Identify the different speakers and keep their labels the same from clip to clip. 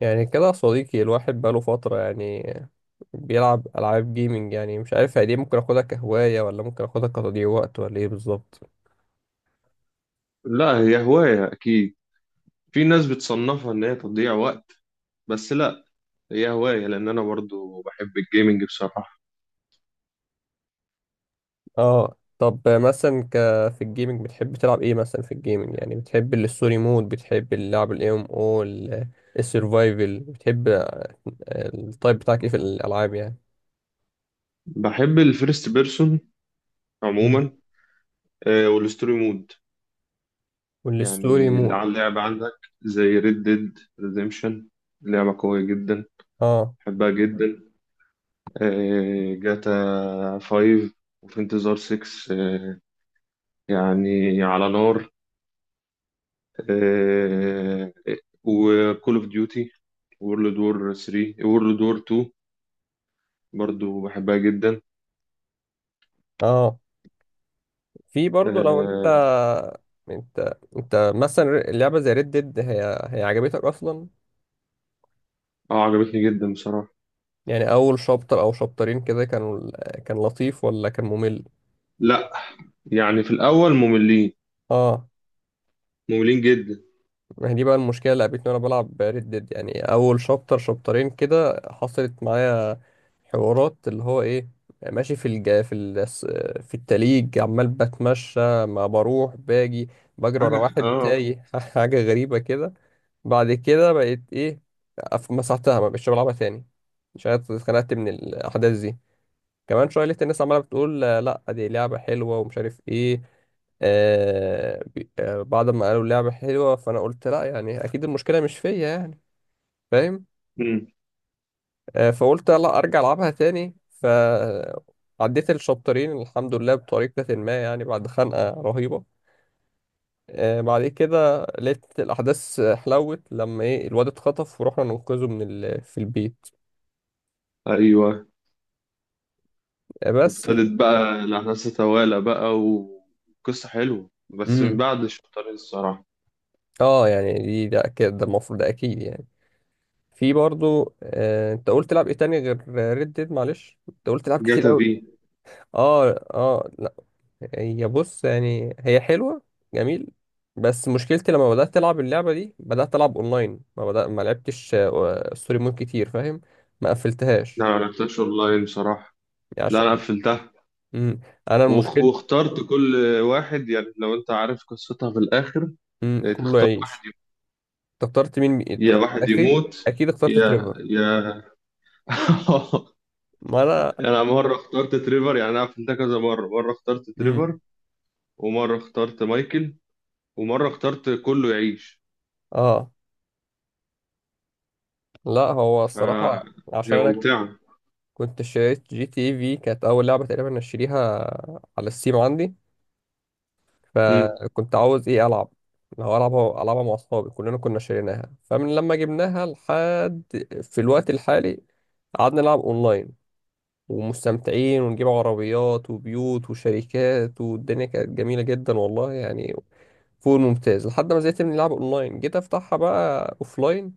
Speaker 1: يعني كده يا صديقي، الواحد بقاله فترة بيلعب ألعاب جيمنج. يعني مش عارف هي دي ممكن أخدها كهواية، ولا ممكن أخدها كتضييع وقت، ولا إيه بالظبط؟
Speaker 2: لا، هي هواية أكيد. في ناس بتصنفها إن هي تضييع وقت. بس لا، هي هواية لأن أنا برضو بحب الجيمنج بصراحة.
Speaker 1: اه، طب مثلا في الجيمنج بتحب تلعب إيه مثلا؟ في الجيمنج يعني بتحب الستوري مود، بتحب اللعب ال MMO، ال- السرفايفل، بتحب التايب بتاعك إيه في الألعاب يعني؟
Speaker 2: بحب الفيرست بيرسون
Speaker 1: مم.
Speaker 2: عموما. والستوري مود،
Speaker 1: والستوري
Speaker 2: يعني اللي
Speaker 1: مود.
Speaker 2: على اللعبة عندك زي ريد ديد ريديمشن. لعبة قوية جدا،
Speaker 1: اه
Speaker 2: بحبها جدا. جاتا 5، وفي انتظار 6. يعني على نار. وكول اوف ديوتي، وورلد وور 3، وورلد وور 2، برضو بحبها جدا.
Speaker 1: اه. في برضه لو
Speaker 2: اه.
Speaker 1: انت مثلا اللعبة زي ريد ديد، هي عجبتك اصلا؟
Speaker 2: عجبتني جدا بصراحة.
Speaker 1: يعني اول شابتر او شابترين كده كان لطيف ولا كان ممل؟
Speaker 2: لا، يعني في الأول مملين،
Speaker 1: اه،
Speaker 2: مملين جدا.
Speaker 1: ما هي دي بقى المشكله اللي قابلتني وانا بلعب ريد ديد. يعني اول شابتر شابترين كده حصلت معايا حوارات، اللي هو ايه، ماشي في التليج عمال بتمشى، ما بروح باجي، بجري
Speaker 2: حاجة.
Speaker 1: ورا واحد
Speaker 2: اه.
Speaker 1: تايه حاجه غريبه كده. بعد كده بقيت ايه، مسحتها، ما بقتش بلعبها تاني. مش عارف، اتخنقت من الاحداث دي. كمان شويه لقيت الناس عماله بتقول، لا دي لعبه حلوه ومش عارف ايه. بعد ما قالوا لعبه حلوه فانا قلت لا، يعني اكيد المشكله مش فيا يعني، فاهم؟
Speaker 2: مم.
Speaker 1: فقلت لا، ارجع العبها تاني، فعديت الشابترين الحمد لله بطريقه ما، يعني بعد خنقه رهيبه. بعد كده لقيت الاحداث حلوت، لما ايه، الواد اتخطف ورحنا ننقذه في البيت.
Speaker 2: ايوه.
Speaker 1: بس.
Speaker 2: وابتدت بقى الأحداث تتوالى بقى، وقصة حلوة بس من
Speaker 1: امم
Speaker 2: بعد شطارين الصراحة.
Speaker 1: اه، يعني دي، ده اكيد، ده المفروض، ده اكيد يعني. في برضو، انت قلت تلعب ايه تاني غير ريد ديد؟ معلش، انت قلت تلعب كتير
Speaker 2: جاتا
Speaker 1: قوي.
Speaker 2: في.
Speaker 1: اه اه لا، هي بص، يعني هي حلوه، جميل. بس مشكلتي لما بدات العب اللعبه دي بدات العب اونلاين، ما بدأ ما لعبتش ستوري مود كتير، فاهم؟ ما
Speaker 2: لا،
Speaker 1: قفلتهاش
Speaker 2: ما لعبتهاش اونلاين بصراحة.
Speaker 1: يعني،
Speaker 2: لا، انا
Speaker 1: عشان.
Speaker 2: قفلتها
Speaker 1: مم. انا المشكله.
Speaker 2: واخترت كل واحد، يعني لو انت عارف قصتها في الآخر،
Speaker 1: مم. كله
Speaker 2: تختار
Speaker 1: عيش.
Speaker 2: واحد يموت.
Speaker 1: أنت اخترت مين؟
Speaker 2: يا واحد
Speaker 1: اكيد
Speaker 2: يموت،
Speaker 1: اكيد اخترت
Speaker 2: يا
Speaker 1: تريفر.
Speaker 2: يا
Speaker 1: ما انا.
Speaker 2: انا مره اخترت تريفر. يعني انا عملت ده كذا مره. مره اخترت
Speaker 1: مم.
Speaker 2: تريفر، ومره اخترت مايكل، ومره اخترت كله يعيش.
Speaker 1: اه لا، هو الصراحه،
Speaker 2: فهي
Speaker 1: عشان انا
Speaker 2: ممتعه.
Speaker 1: كنت شريت جي تي اي في، كانت اول لعبه تقريبا اشتريها على السيم عندي.
Speaker 2: امم.
Speaker 1: فكنت عاوز ايه، العب، لو العبها العبها مع اصحابي، كلنا كنا شاريناها. فمن لما جبناها لحد في الوقت الحالي قعدنا نلعب اونلاين، ومستمتعين، ونجيب عربيات وبيوت وشركات، والدنيا كانت جميله جدا والله، يعني فوق الممتاز. لحد ما زهقت من اللعب اونلاين، جيت افتحها بقى اوفلاين.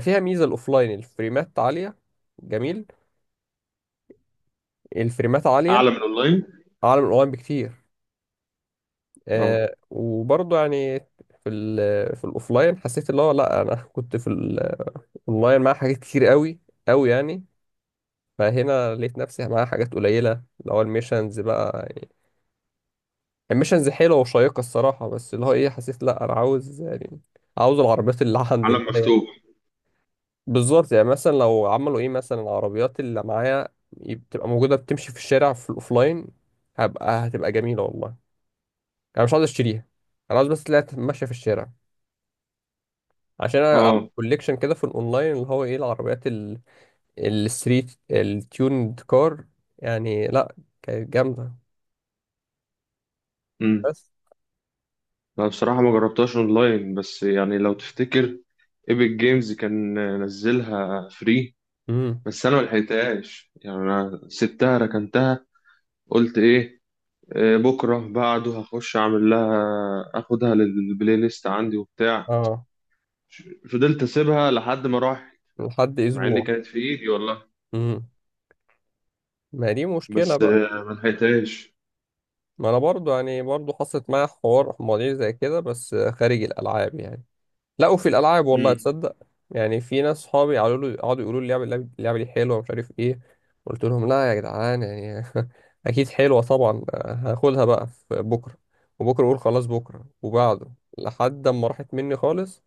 Speaker 1: فيها ميزه الاوفلاين، الفريمات عاليه، جميل. الفريمات عاليه
Speaker 2: اعلى من اونلاين.
Speaker 1: اعلى من الاونلاين بكتير.
Speaker 2: اه.
Speaker 1: وبرضه يعني في الاوفلاين حسيت، اللي هو لا، انا كنت في الاونلاين مع حاجات كتير قوي قوي يعني، فهنا لقيت نفسي مع حاجات قليله، اللي هو الميشنز بقى يعني. الميشنز حلوه وشيقه الصراحه، بس اللي هو ايه، حسيت لا، انا عاوز يعني، عاوز العربيات اللي عندي، اللي
Speaker 2: عالم
Speaker 1: هي،
Speaker 2: مفتوح.
Speaker 1: بالظبط. يعني مثلا لو عملوا ايه، مثلا العربيات اللي معايا بتبقى موجوده بتمشي في الشارع في الاوفلاين، هتبقى جميله والله. انا مش عاوز اشتريها، انا عاوز بس تلاقيها ماشيه في الشارع. عشان انا عامل
Speaker 2: اه.
Speaker 1: كوليكشن كده في الاونلاين، اللي هو ايه، العربيات الستريت التيوند كار، يعني لا، كانت جامده.
Speaker 2: امم.
Speaker 1: بس.
Speaker 2: انا بصراحه ما جربتهاش اونلاين، بس يعني لو تفتكر ايبك جيمز كان نزلها فري،
Speaker 1: امم
Speaker 2: بس انا ما لحقتهاش. يعني انا سبتها، ركنتها، قلت ايه، بكره بعده هخش اعمل لها، اخدها للبلاي ليست عندي وبتاع.
Speaker 1: اه،
Speaker 2: فضلت اسيبها لحد ما راح،
Speaker 1: لحد
Speaker 2: مع ان
Speaker 1: اسبوع.
Speaker 2: كانت في ايدي والله.
Speaker 1: امم ما دي مشكله
Speaker 2: بس
Speaker 1: بقى.
Speaker 2: ما لحقتهاش.
Speaker 1: ما انا برضو يعني، برضو حصلت معايا حوار مواضيع زي كده بس خارج الالعاب يعني، لا وفي الالعاب والله
Speaker 2: امم.
Speaker 1: تصدق. يعني في ناس صحابي قالوا لي، قعدوا يقولوا لي اللعبه اللعبه اللعبة دي حلوه ومش عارف ايه. قلت لهم لا يا جدعان، يعني اكيد حلوه طبعا، هاخدها بقى في بكره، وبكره اقول خلاص بكره وبعده، لحد ما راحت مني خالص،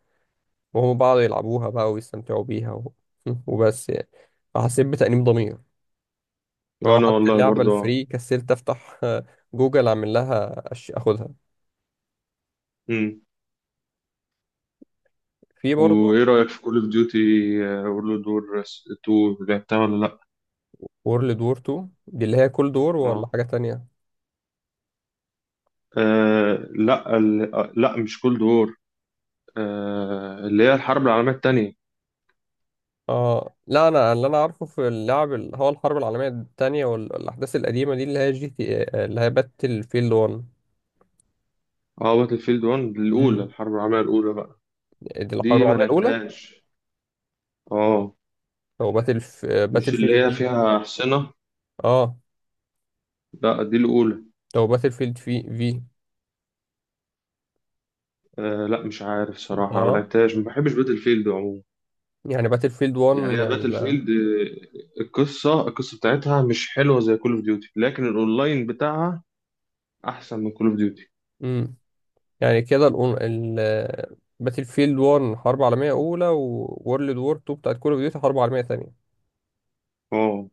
Speaker 1: وهم بعضوا يلعبوها بقى ويستمتعوا بيها وبس يعني. فحسيت بتأنيب ضمير ان هو
Speaker 2: وانا
Speaker 1: حتى
Speaker 2: والله
Speaker 1: اللعبه
Speaker 2: برضه.
Speaker 1: الفري كسلت افتح جوجل اعمل لها اخدها.
Speaker 2: امم.
Speaker 1: في برضه.
Speaker 2: وايه رايك في كول اوف ديوتي وورلد وور 2، لعبتها ولا لا؟
Speaker 1: وورلد وور 2 دي اللي هي كل دور ولا
Speaker 2: اه.
Speaker 1: حاجه تانية؟
Speaker 2: لا، لا، مش كولد وور، اللي هي الحرب العالميه الثانيه.
Speaker 1: اه لا، انا اللي انا عارفه في اللعب اللي هو الحرب العالميه الثانيه والاحداث القديمه دي، اللي هي جي تي، اللي هي باتل فيلد 1.
Speaker 2: اه، باتل فيلد 1 الاولى،
Speaker 1: امم
Speaker 2: الحرب العالميه الاولى بقى.
Speaker 1: دي الحرب
Speaker 2: دي ما
Speaker 1: العالميه الاولى،
Speaker 2: لعبتهاش. اه.
Speaker 1: او باتل
Speaker 2: مش
Speaker 1: فيلد
Speaker 2: اللي هي
Speaker 1: في.
Speaker 2: فيها احصنه؟
Speaker 1: اه،
Speaker 2: لا، دي الاولى.
Speaker 1: او باتل فيلد في.
Speaker 2: لا، مش عارف صراحة أنا ما
Speaker 1: تعرف،
Speaker 2: لعبتهاش. ما بحبش باتل فيلد عموما.
Speaker 1: يعني باتل فيلد 1
Speaker 2: يعني هي باتل فيلد. القصة بتاعتها مش حلوة زي كول اوف ديوتي، لكن الأونلاين بتاعها أحسن من كول اوف ديوتي.
Speaker 1: مم. يعني كده باتل فيلد 1 حرب عالميه اولى، وورلد وور 2 بتاعت كول اوف ديوتي حرب عالميه ثانيه.
Speaker 2: اه.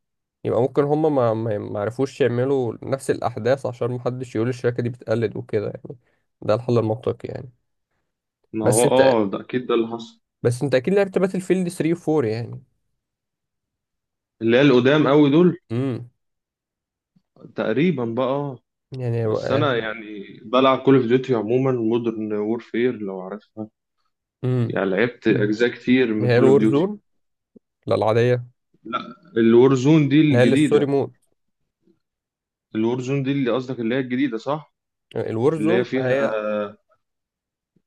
Speaker 1: يبقى ممكن هما ما عرفوش يعملوا نفس الأحداث عشان محدش يقول الشركة دي بتقلد وكده، يعني ده الحل المنطقي يعني.
Speaker 2: ما هو
Speaker 1: بس انت
Speaker 2: اه، ده أكيد ده اللي حصل.
Speaker 1: بس انت اكيد لعبت باتل فيلد 3 و 4 يعني.
Speaker 2: اللي هي القدام قوي دول،
Speaker 1: امم
Speaker 2: تقريبا بقى.
Speaker 1: يعني
Speaker 2: بس أنا
Speaker 1: يعني
Speaker 2: يعني بلعب كول اوف ديوتي عموما، مودرن وورفير لو عارفها.
Speaker 1: امم
Speaker 2: يعني لعبت
Speaker 1: مم.
Speaker 2: أجزاء كتير من
Speaker 1: هي
Speaker 2: كول اوف
Speaker 1: الور
Speaker 2: ديوتي.
Speaker 1: زون؟ لا، العادية.
Speaker 2: لا. الور زون دي
Speaker 1: لا، هي
Speaker 2: الجديدة.
Speaker 1: الستوري مود.
Speaker 2: الور زون دي اللي قصدك، اللي هي الجديدة صح؟
Speaker 1: الور
Speaker 2: اللي هي
Speaker 1: زون، ما
Speaker 2: فيها،
Speaker 1: هي،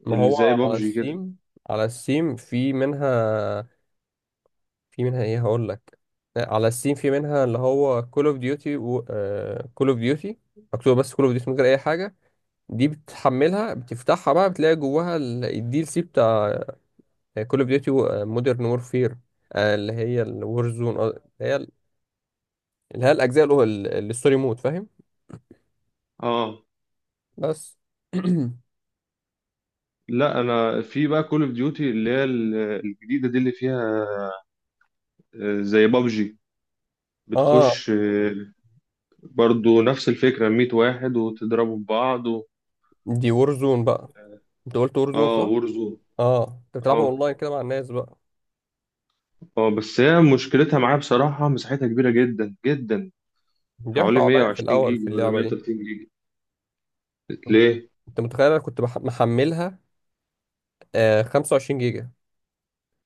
Speaker 1: ما
Speaker 2: اللي
Speaker 1: هو
Speaker 2: زي
Speaker 1: على
Speaker 2: بابجي كده.
Speaker 1: السيم، على السيم في منها، في منها ايه، هقول لك. على السيم في منها، اللي هو كول اوف ديوتي، و كول اوف ديوتي مكتوب، بس كول اوف ديوتي من غير اي حاجة. دي بتحملها، بتفتحها بقى، بتلاقي جواها الدي ال سي بتاع كول اوف ديوتي مودرن وورفير، اللي هي الور زون، اللي هي الاجزاء، اللي هو الستوري مود، فاهم؟
Speaker 2: اه.
Speaker 1: بس.
Speaker 2: لا، انا في بقى كول اوف ديوتي اللي هي الجديده دي اللي فيها، زي بابجي.
Speaker 1: اه،
Speaker 2: بتخش، برضو نفس الفكره، 100 واحد وتضربوا في بعض و...
Speaker 1: دي وور زون بقى. انت قلت وور زون صح،
Speaker 2: اه.
Speaker 1: اه؟
Speaker 2: وورزون.
Speaker 1: اه، انت بتلعبها
Speaker 2: اه.
Speaker 1: اونلاين كده مع الناس بقى؟
Speaker 2: اه، بس هي مشكلتها معايا بصراحه، مساحتها كبيره جدا جدا، حوالي
Speaker 1: بيضحكوا عليا في
Speaker 2: 120
Speaker 1: الاول في
Speaker 2: جيجا ولا
Speaker 1: اللعبه دي.
Speaker 2: 130 جيجا. ليه؟
Speaker 1: انت متخيل، انا كنت محملها 25 جيجا،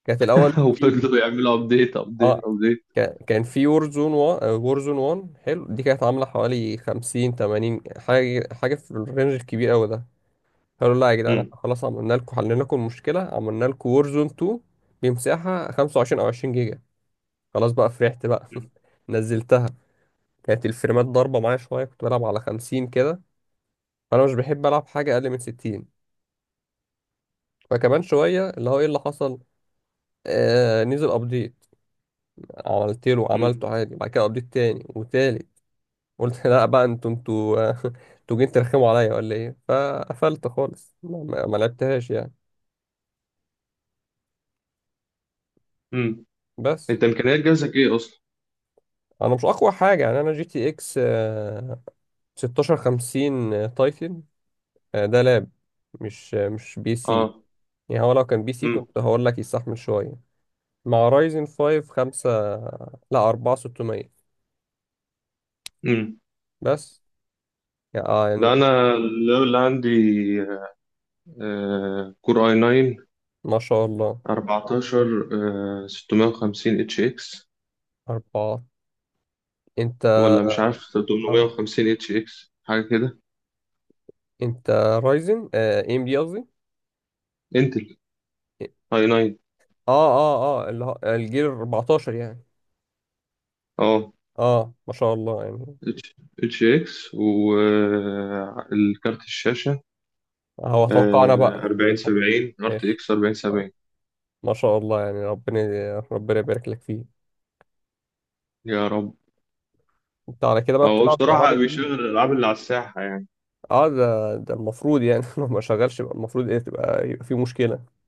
Speaker 1: كانت الاول في.
Speaker 2: وفضلوا يعملوا ابديت ابديت
Speaker 1: اه،
Speaker 2: ابديت.
Speaker 1: كان في وورزون 1. وورزون 1 حلو، دي كانت عامله حوالي 50 80، حاجه حاجه في الرينج الكبير قوي ده. قالوا لا يا جدعان،
Speaker 2: امم.
Speaker 1: احنا خلاص عملنا لكم، حلينا لكم المشكله، عملنا لكم وورزون 2 بمساحه 25 او 20 جيجا، خلاص بقى، فرحت بقى نزلتها. كانت الفريمات ضاربه معايا شويه، كنت بلعب على 50 كده، فانا مش بحب العب حاجه اقل من 60. فكمان شويه اللي هو ايه اللي حصل، نزل ابديت،
Speaker 2: امم.
Speaker 1: عملته عادي. بعد كده ابديت تاني وتالت، قلت لا بقى، انتوا انتوا انتوا جايين ترخموا عليا ولا ايه؟ فقفلت خالص، ما لعبتهاش يعني.
Speaker 2: امم.
Speaker 1: بس.
Speaker 2: انت امكانيات جهازك ايه اصلا؟
Speaker 1: انا مش اقوى حاجه يعني، انا جي تي اكس 1650 تايتن، ده لاب مش، مش بي سي.
Speaker 2: اه.
Speaker 1: يعني هو لو كان بي سي كنت هقول لك يستحمل شويه، مع رايزن 5 5، لا 4 600.
Speaker 2: امم.
Speaker 1: بس يعني.
Speaker 2: لا، انا اللي عندي كور اي 9
Speaker 1: ما شاء الله.
Speaker 2: 14، 650 اتش اكس،
Speaker 1: 4. انت
Speaker 2: ولا مش عارف
Speaker 1: أر-
Speaker 2: 850 اتش اكس حاجه كده.
Speaker 1: انت رايزن، ام دي قصدي.
Speaker 2: انتل اي 9.
Speaker 1: اه اه اه، اللي هو الجيل 14 يعني.
Speaker 2: اه.
Speaker 1: اه، ما شاء الله يعني.
Speaker 2: اتش اكس، والكارت الشاشه
Speaker 1: هو اتوقعنا بقى.
Speaker 2: 40 70، ار تي
Speaker 1: ماشي،
Speaker 2: اكس 40 70.
Speaker 1: ما شاء الله يعني، ربنا يبارك لك فيه.
Speaker 2: يا رب.
Speaker 1: انت على كده بقى
Speaker 2: هو
Speaker 1: بتلعب الالعاب
Speaker 2: بصراحه بيشغل
Speaker 1: الجديده.
Speaker 2: الالعاب اللي على الساحه يعني.
Speaker 1: اه، ده، ده المفروض يعني، لو ما شغلش يبقى المفروض ايه، تبقى، يبقى في مشكله.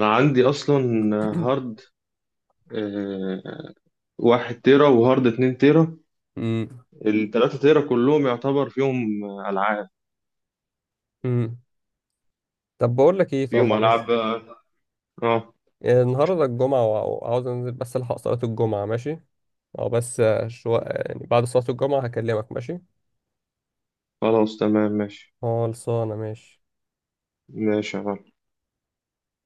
Speaker 2: انا عندي اصلا هارد، آه، 1 تيرا، وهارد 2 تيرا.
Speaker 1: امم
Speaker 2: التلاتة تيرا كلهم يعتبر فيهم ألعاب،
Speaker 1: امم طب بقول لك ايه، طب
Speaker 2: فيهم
Speaker 1: معلش،
Speaker 2: ألعاب بقى. اه.
Speaker 1: النهارده الجمعه وعاوز انزل، بس الحق صلاه الجمعه، ماشي؟ او بس شويه يعني بعد صلاه الجمعه هكلمك، ماشي؟
Speaker 2: خلاص تمام ماشي.
Speaker 1: خلصانه، ماشي؟
Speaker 2: ماشي يا معلم.